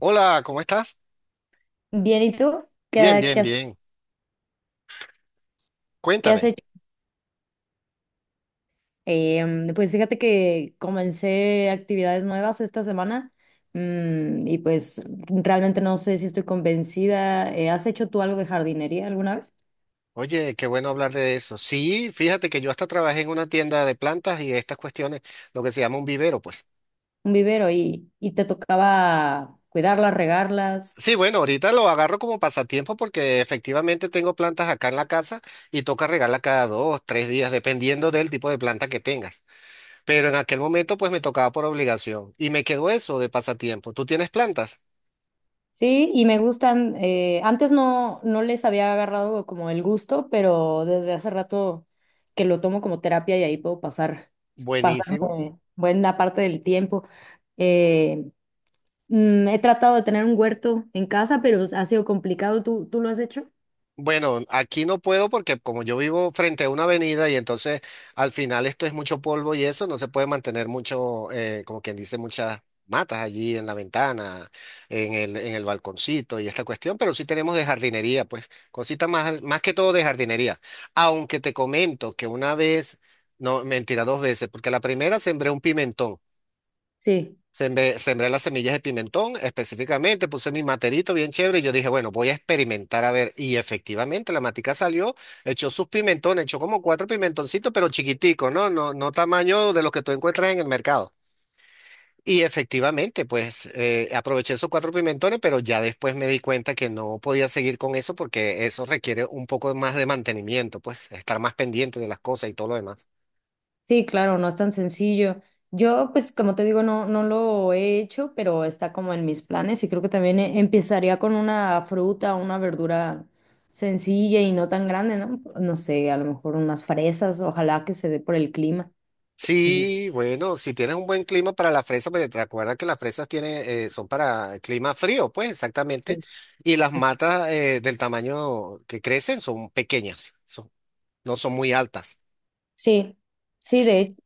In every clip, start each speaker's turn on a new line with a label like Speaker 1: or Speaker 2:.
Speaker 1: Hola, ¿cómo estás?
Speaker 2: Bien, ¿y tú?
Speaker 1: Bien,
Speaker 2: ¿Qué,
Speaker 1: bien,
Speaker 2: qué has,
Speaker 1: bien.
Speaker 2: qué has
Speaker 1: Cuéntame.
Speaker 2: hecho? Pues fíjate que comencé actividades nuevas esta semana y pues realmente no sé si estoy convencida. ¿Has hecho tú algo de jardinería alguna vez?
Speaker 1: Oye, qué bueno hablar de eso. Sí, fíjate que yo hasta trabajé en una tienda de plantas y estas cuestiones, lo que se llama un vivero, pues.
Speaker 2: Un vivero y te tocaba cuidarlas, regarlas.
Speaker 1: Sí, bueno, ahorita lo agarro como pasatiempo porque efectivamente tengo plantas acá en la casa y toca regarla cada dos, tres días, dependiendo del tipo de planta que tengas. Pero en aquel momento pues me tocaba por obligación y me quedó eso de pasatiempo. ¿Tú tienes plantas?
Speaker 2: Sí, y me gustan. Antes no les había agarrado como el gusto, pero desde hace rato que lo tomo como terapia y ahí puedo pasar,
Speaker 1: Buenísimo.
Speaker 2: pasarme buena parte del tiempo. Eh, He tratado de tener un huerto en casa, pero ha sido complicado. ¿Tú lo has hecho?
Speaker 1: Bueno, aquí no puedo porque como yo vivo frente a una avenida y entonces al final esto es mucho polvo y eso no se puede mantener mucho, como quien dice, muchas matas allí en la ventana, en el balconcito y esta cuestión, pero sí tenemos de jardinería, pues cositas más que todo de jardinería. Aunque te comento que una vez, no, mentira, dos veces, porque la primera sembré un pimentón.
Speaker 2: Sí,
Speaker 1: Sembré las semillas de pimentón específicamente, puse mi materito bien chévere y yo dije, bueno, voy a experimentar a ver. Y efectivamente la matica salió, echó sus pimentones, echó como cuatro pimentoncitos, pero chiquiticos, ¿no? No, no tamaño de los que tú encuentras en el mercado. Y efectivamente, pues aproveché esos cuatro pimentones, pero ya después me di cuenta que no podía seguir con eso porque eso requiere un poco más de mantenimiento, pues estar más pendiente de las cosas y todo lo demás.
Speaker 2: sí, claro, no es tan sencillo. Yo, pues, como te digo, no lo he hecho, pero está como en mis planes y creo que también empezaría con una fruta, una verdura sencilla y no tan grande, ¿no? No sé, a lo mejor unas fresas, ojalá que se dé por el clima.
Speaker 1: Sí, bueno, si tienes un buen clima para la fresa, porque te acuerdas que las fresas tienen, son para clima frío, pues exactamente.
Speaker 2: Sí,
Speaker 1: Y las matas del tamaño que crecen son pequeñas, son- no son muy altas.
Speaker 2: sí, sí, de hecho.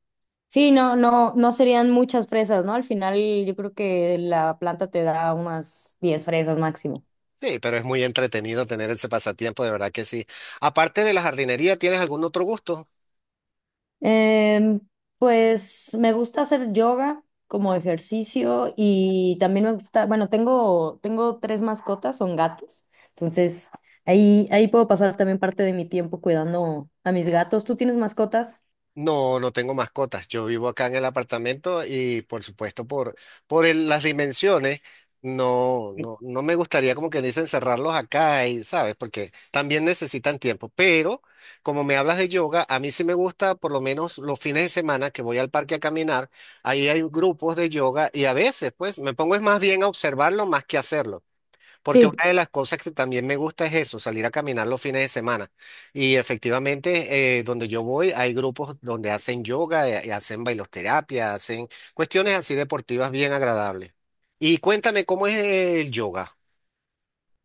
Speaker 2: Sí, no, no, no serían muchas fresas, ¿no? Al final yo creo que la planta te da unas 10 fresas máximo.
Speaker 1: Sí, pero es muy entretenido tener ese pasatiempo, de verdad que sí. Aparte de la jardinería, ¿tienes algún otro gusto?
Speaker 2: Em, pues me gusta hacer yoga como ejercicio y también me gusta, bueno, tengo tres mascotas, son gatos, entonces ahí puedo pasar también parte de mi tiempo cuidando a mis gatos. ¿Tú tienes mascotas?
Speaker 1: No, no tengo mascotas. Yo vivo acá en el apartamento y por supuesto por las dimensiones, no, no, no me gustaría como que dicen cerrarlos acá y, ¿sabes? Porque también necesitan tiempo. Pero como me hablas de yoga, a mí sí me gusta por lo menos los fines de semana que voy al parque a caminar, ahí hay grupos de yoga y a veces pues me pongo es más bien a observarlo más que hacerlo. Porque
Speaker 2: Sí.
Speaker 1: una de las cosas que también me gusta es eso, salir a caminar los fines de semana. Y efectivamente, donde yo voy, hay grupos donde hacen yoga, y hacen bailoterapia, hacen cuestiones así deportivas bien agradables. Y cuéntame, ¿cómo es el yoga?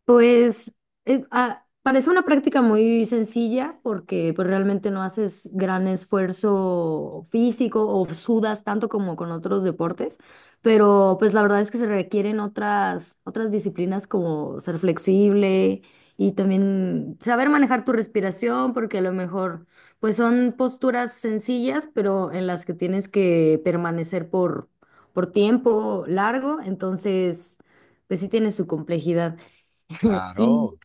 Speaker 2: Pues parece una práctica muy sencilla porque pues, realmente no haces gran esfuerzo físico o sudas tanto como con otros deportes, pero pues la verdad es que se requieren otras disciplinas como ser flexible y también saber manejar tu respiración porque a lo mejor pues son posturas sencillas, pero en las que tienes que permanecer por tiempo largo, entonces pues sí tiene su complejidad. Y,
Speaker 1: Claro.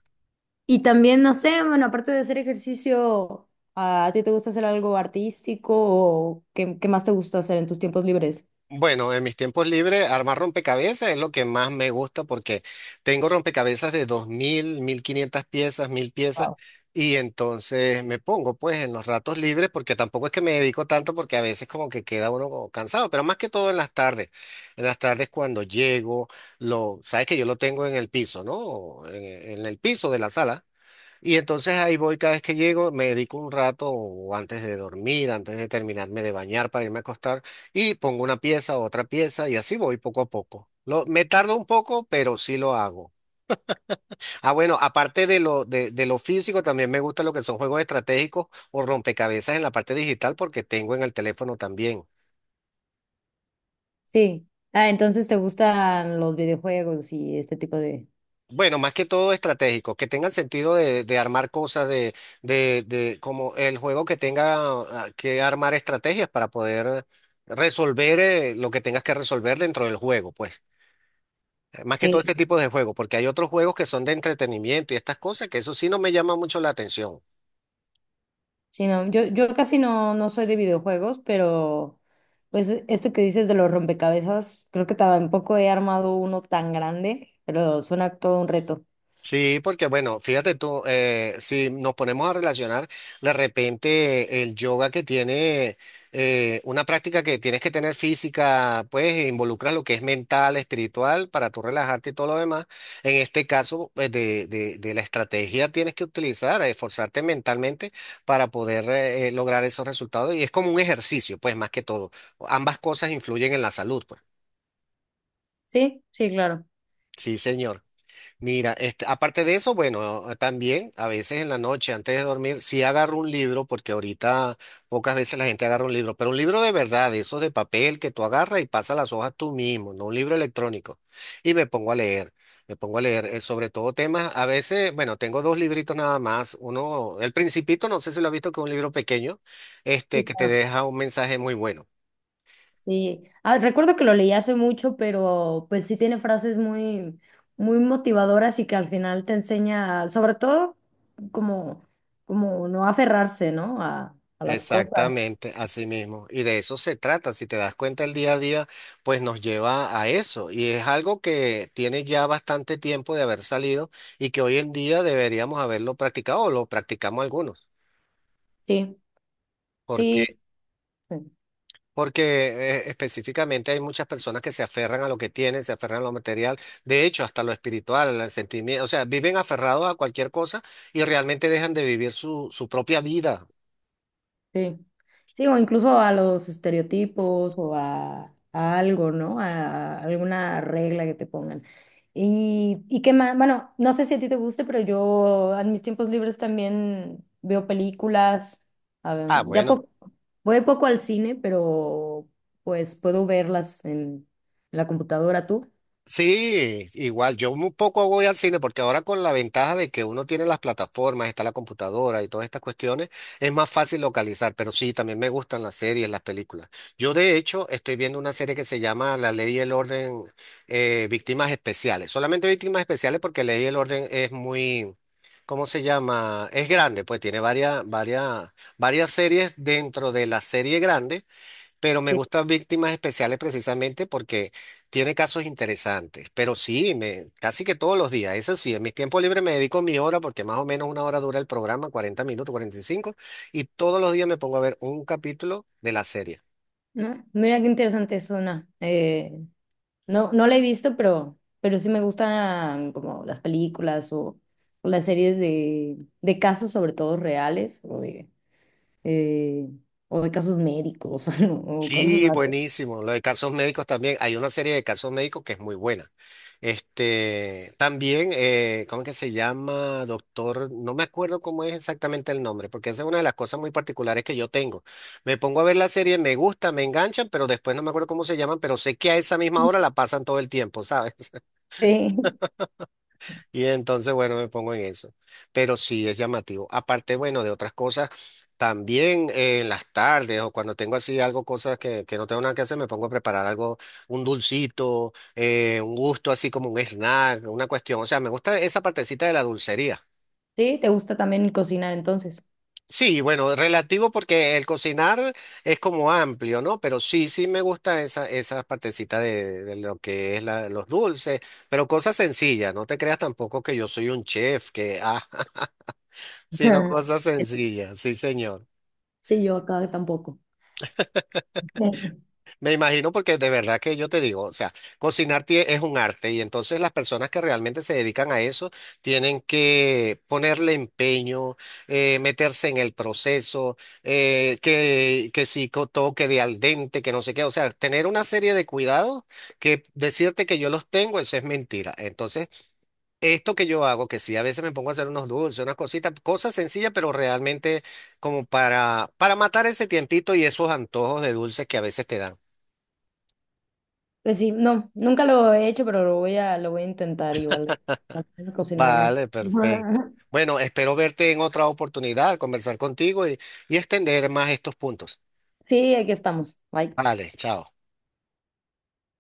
Speaker 2: y también, no sé, bueno, aparte de hacer ejercicio, ¿a ti te gusta hacer algo artístico o qué más te gusta hacer en tus tiempos libres?
Speaker 1: Bueno, en mis tiempos libres, armar rompecabezas es lo que más me gusta porque tengo rompecabezas de 2.000, 1.500 piezas, 1.000 piezas
Speaker 2: Wow.
Speaker 1: y entonces me pongo pues en los ratos libres porque tampoco es que me dedico tanto porque a veces como que queda uno como cansado, pero más que todo en las tardes. En las tardes cuando llego, sabes que yo lo tengo en el piso, ¿no? en el piso de la sala. Y entonces ahí voy cada vez que llego, me dedico un rato o antes de dormir, antes de terminarme de bañar para irme a acostar y pongo una pieza, otra pieza y así voy poco a poco. Me tardo un poco, pero sí lo hago. Ah, bueno, aparte de lo físico, también me gusta lo que son juegos estratégicos o rompecabezas en la parte digital porque tengo en el teléfono también.
Speaker 2: Sí. Ah, entonces te gustan los videojuegos y este tipo de...
Speaker 1: Bueno, más que todo estratégico, que tengan sentido de armar cosas, de como el juego que tenga que armar estrategias para poder resolver lo que tengas que resolver dentro del juego, pues. Más que todo este
Speaker 2: Sí.
Speaker 1: tipo de juegos, porque hay otros juegos que son de entretenimiento y estas cosas que eso sí no me llama mucho la atención.
Speaker 2: Sí, no, yo casi no soy de videojuegos, pero pues esto que dices de los rompecabezas, creo que tampoco he armado uno tan grande, pero suena todo un reto.
Speaker 1: Sí, porque bueno, fíjate tú, si nos ponemos a relacionar, de repente el yoga que tiene una práctica que tienes que tener física, pues involucra lo que es mental, espiritual, para tú relajarte y todo lo demás. En este caso, pues, de la estrategia tienes que utilizar, esforzarte mentalmente para poder lograr esos resultados. Y es como un ejercicio, pues más que todo. Ambas cosas influyen en la salud, pues.
Speaker 2: Sí, sí, claro.
Speaker 1: Sí, señor. Mira, este, aparte de eso, bueno, ah, también a veces en la noche, antes de dormir, sí agarro un libro, porque ahorita pocas veces la gente agarra un libro, pero un libro de verdad, de esos de papel que tú agarras y pasas las hojas tú mismo, no un libro electrónico. Y me pongo a leer, me pongo a leer sobre todo temas, a veces, bueno, tengo dos libritos nada más, uno, El Principito, no sé si lo has visto, que es un libro pequeño, este,
Speaker 2: Sí,
Speaker 1: que te
Speaker 2: claro.
Speaker 1: deja un mensaje muy bueno.
Speaker 2: Sí, ah, recuerdo que lo leí hace mucho, pero pues sí tiene frases muy, muy motivadoras y que al final te enseña, sobre todo, como, como no aferrarse, ¿no? A las cosas.
Speaker 1: Exactamente, así mismo. Y de eso se trata. Si te das cuenta, el día a día, pues nos lleva a eso. Y es algo que tiene ya bastante tiempo de haber salido y que hoy en día deberíamos haberlo practicado o lo practicamos algunos.
Speaker 2: Sí,
Speaker 1: porque
Speaker 2: sí.
Speaker 1: Porque específicamente hay muchas personas que se aferran a lo que tienen, se aferran a lo material, de hecho, hasta lo espiritual, al sentimiento, o sea, viven aferrados a cualquier cosa y realmente dejan de vivir su, propia vida.
Speaker 2: Sí. Sí, o incluso a los estereotipos o a algo, ¿no? A, alguna regla que te pongan. Y qué más, bueno, no sé si a ti te guste, pero yo en mis tiempos libres también veo películas. A ver,
Speaker 1: Ah,
Speaker 2: ya
Speaker 1: bueno.
Speaker 2: poco, voy poco al cine, pero pues puedo verlas en la computadora tú.
Speaker 1: Sí, igual, yo un poco voy al cine porque ahora con la ventaja de que uno tiene las plataformas, está la computadora y todas estas cuestiones, es más fácil localizar, pero sí, también me gustan las series, las películas. Yo de hecho estoy viendo una serie que se llama La Ley y el Orden, Víctimas Especiales. Solamente Víctimas Especiales porque Ley y el Orden es muy, ¿cómo se llama? Es grande, pues tiene varias, varias, varias series dentro de la serie grande, pero me
Speaker 2: Sí.
Speaker 1: gustan Víctimas Especiales precisamente porque tiene casos interesantes. Pero sí, casi que todos los días, eso sí, en mis tiempos libres me dedico mi hora porque más o menos una hora dura el programa, 40 minutos, 45, y todos los días me pongo a ver un capítulo de la serie.
Speaker 2: ¿No? Mira qué interesante suena. No, no la he visto, pero sí me gustan como las películas o las series de casos sobre todo reales eh, o de casos médicos o cosas
Speaker 1: Sí,
Speaker 2: así.
Speaker 1: buenísimo. Lo de casos médicos también. Hay una serie de casos médicos que es muy buena. Este, también, ¿cómo es que se llama, doctor? No me acuerdo cómo es exactamente el nombre, porque esa es una de las cosas muy particulares que yo tengo. Me pongo a ver la serie, me gusta, me enganchan, pero después no me acuerdo cómo se llaman, pero sé que a esa misma hora la pasan todo el tiempo, ¿sabes?
Speaker 2: Sí.
Speaker 1: Y entonces, bueno, me pongo en eso. Pero sí es llamativo. Aparte, bueno, de otras cosas, también en las tardes o cuando tengo así algo, cosas que no tengo nada que hacer, me pongo a preparar algo, un dulcito, un gusto así como un snack, una cuestión. O sea, me gusta esa partecita de la dulcería.
Speaker 2: Sí, ¿te gusta también cocinar entonces?
Speaker 1: Sí, bueno, relativo porque el cocinar es como amplio, ¿no? Pero sí, sí me gusta esa, partecita de lo que es los dulces, pero cosas sencillas. No te creas tampoco que yo soy un chef, que, ah. Sino cosas sencillas, sí, señor.
Speaker 2: Sí, yo acá tampoco.
Speaker 1: Me imagino porque de verdad que yo te digo, o sea, cocinar es un arte y entonces las personas que realmente se dedican a eso tienen que ponerle empeño, meterse en el proceso, que si toque de al dente, que no sé qué, o sea, tener una serie de cuidados que decirte que yo los tengo, eso es mentira. Entonces, esto que yo hago, que sí, a veces me pongo a hacer unos dulces, unas cositas, cosas sencillas, pero realmente como para, matar ese tiempito y esos antojos de dulces que a veces te dan.
Speaker 2: Pues sí, no, nunca lo he hecho, pero lo voy a intentar igual. Aprender a cocinar más.
Speaker 1: Vale, perfecto. Bueno, espero verte en otra oportunidad, conversar contigo y extender más estos puntos.
Speaker 2: Sí, aquí estamos. Bye.
Speaker 1: Vale, chao.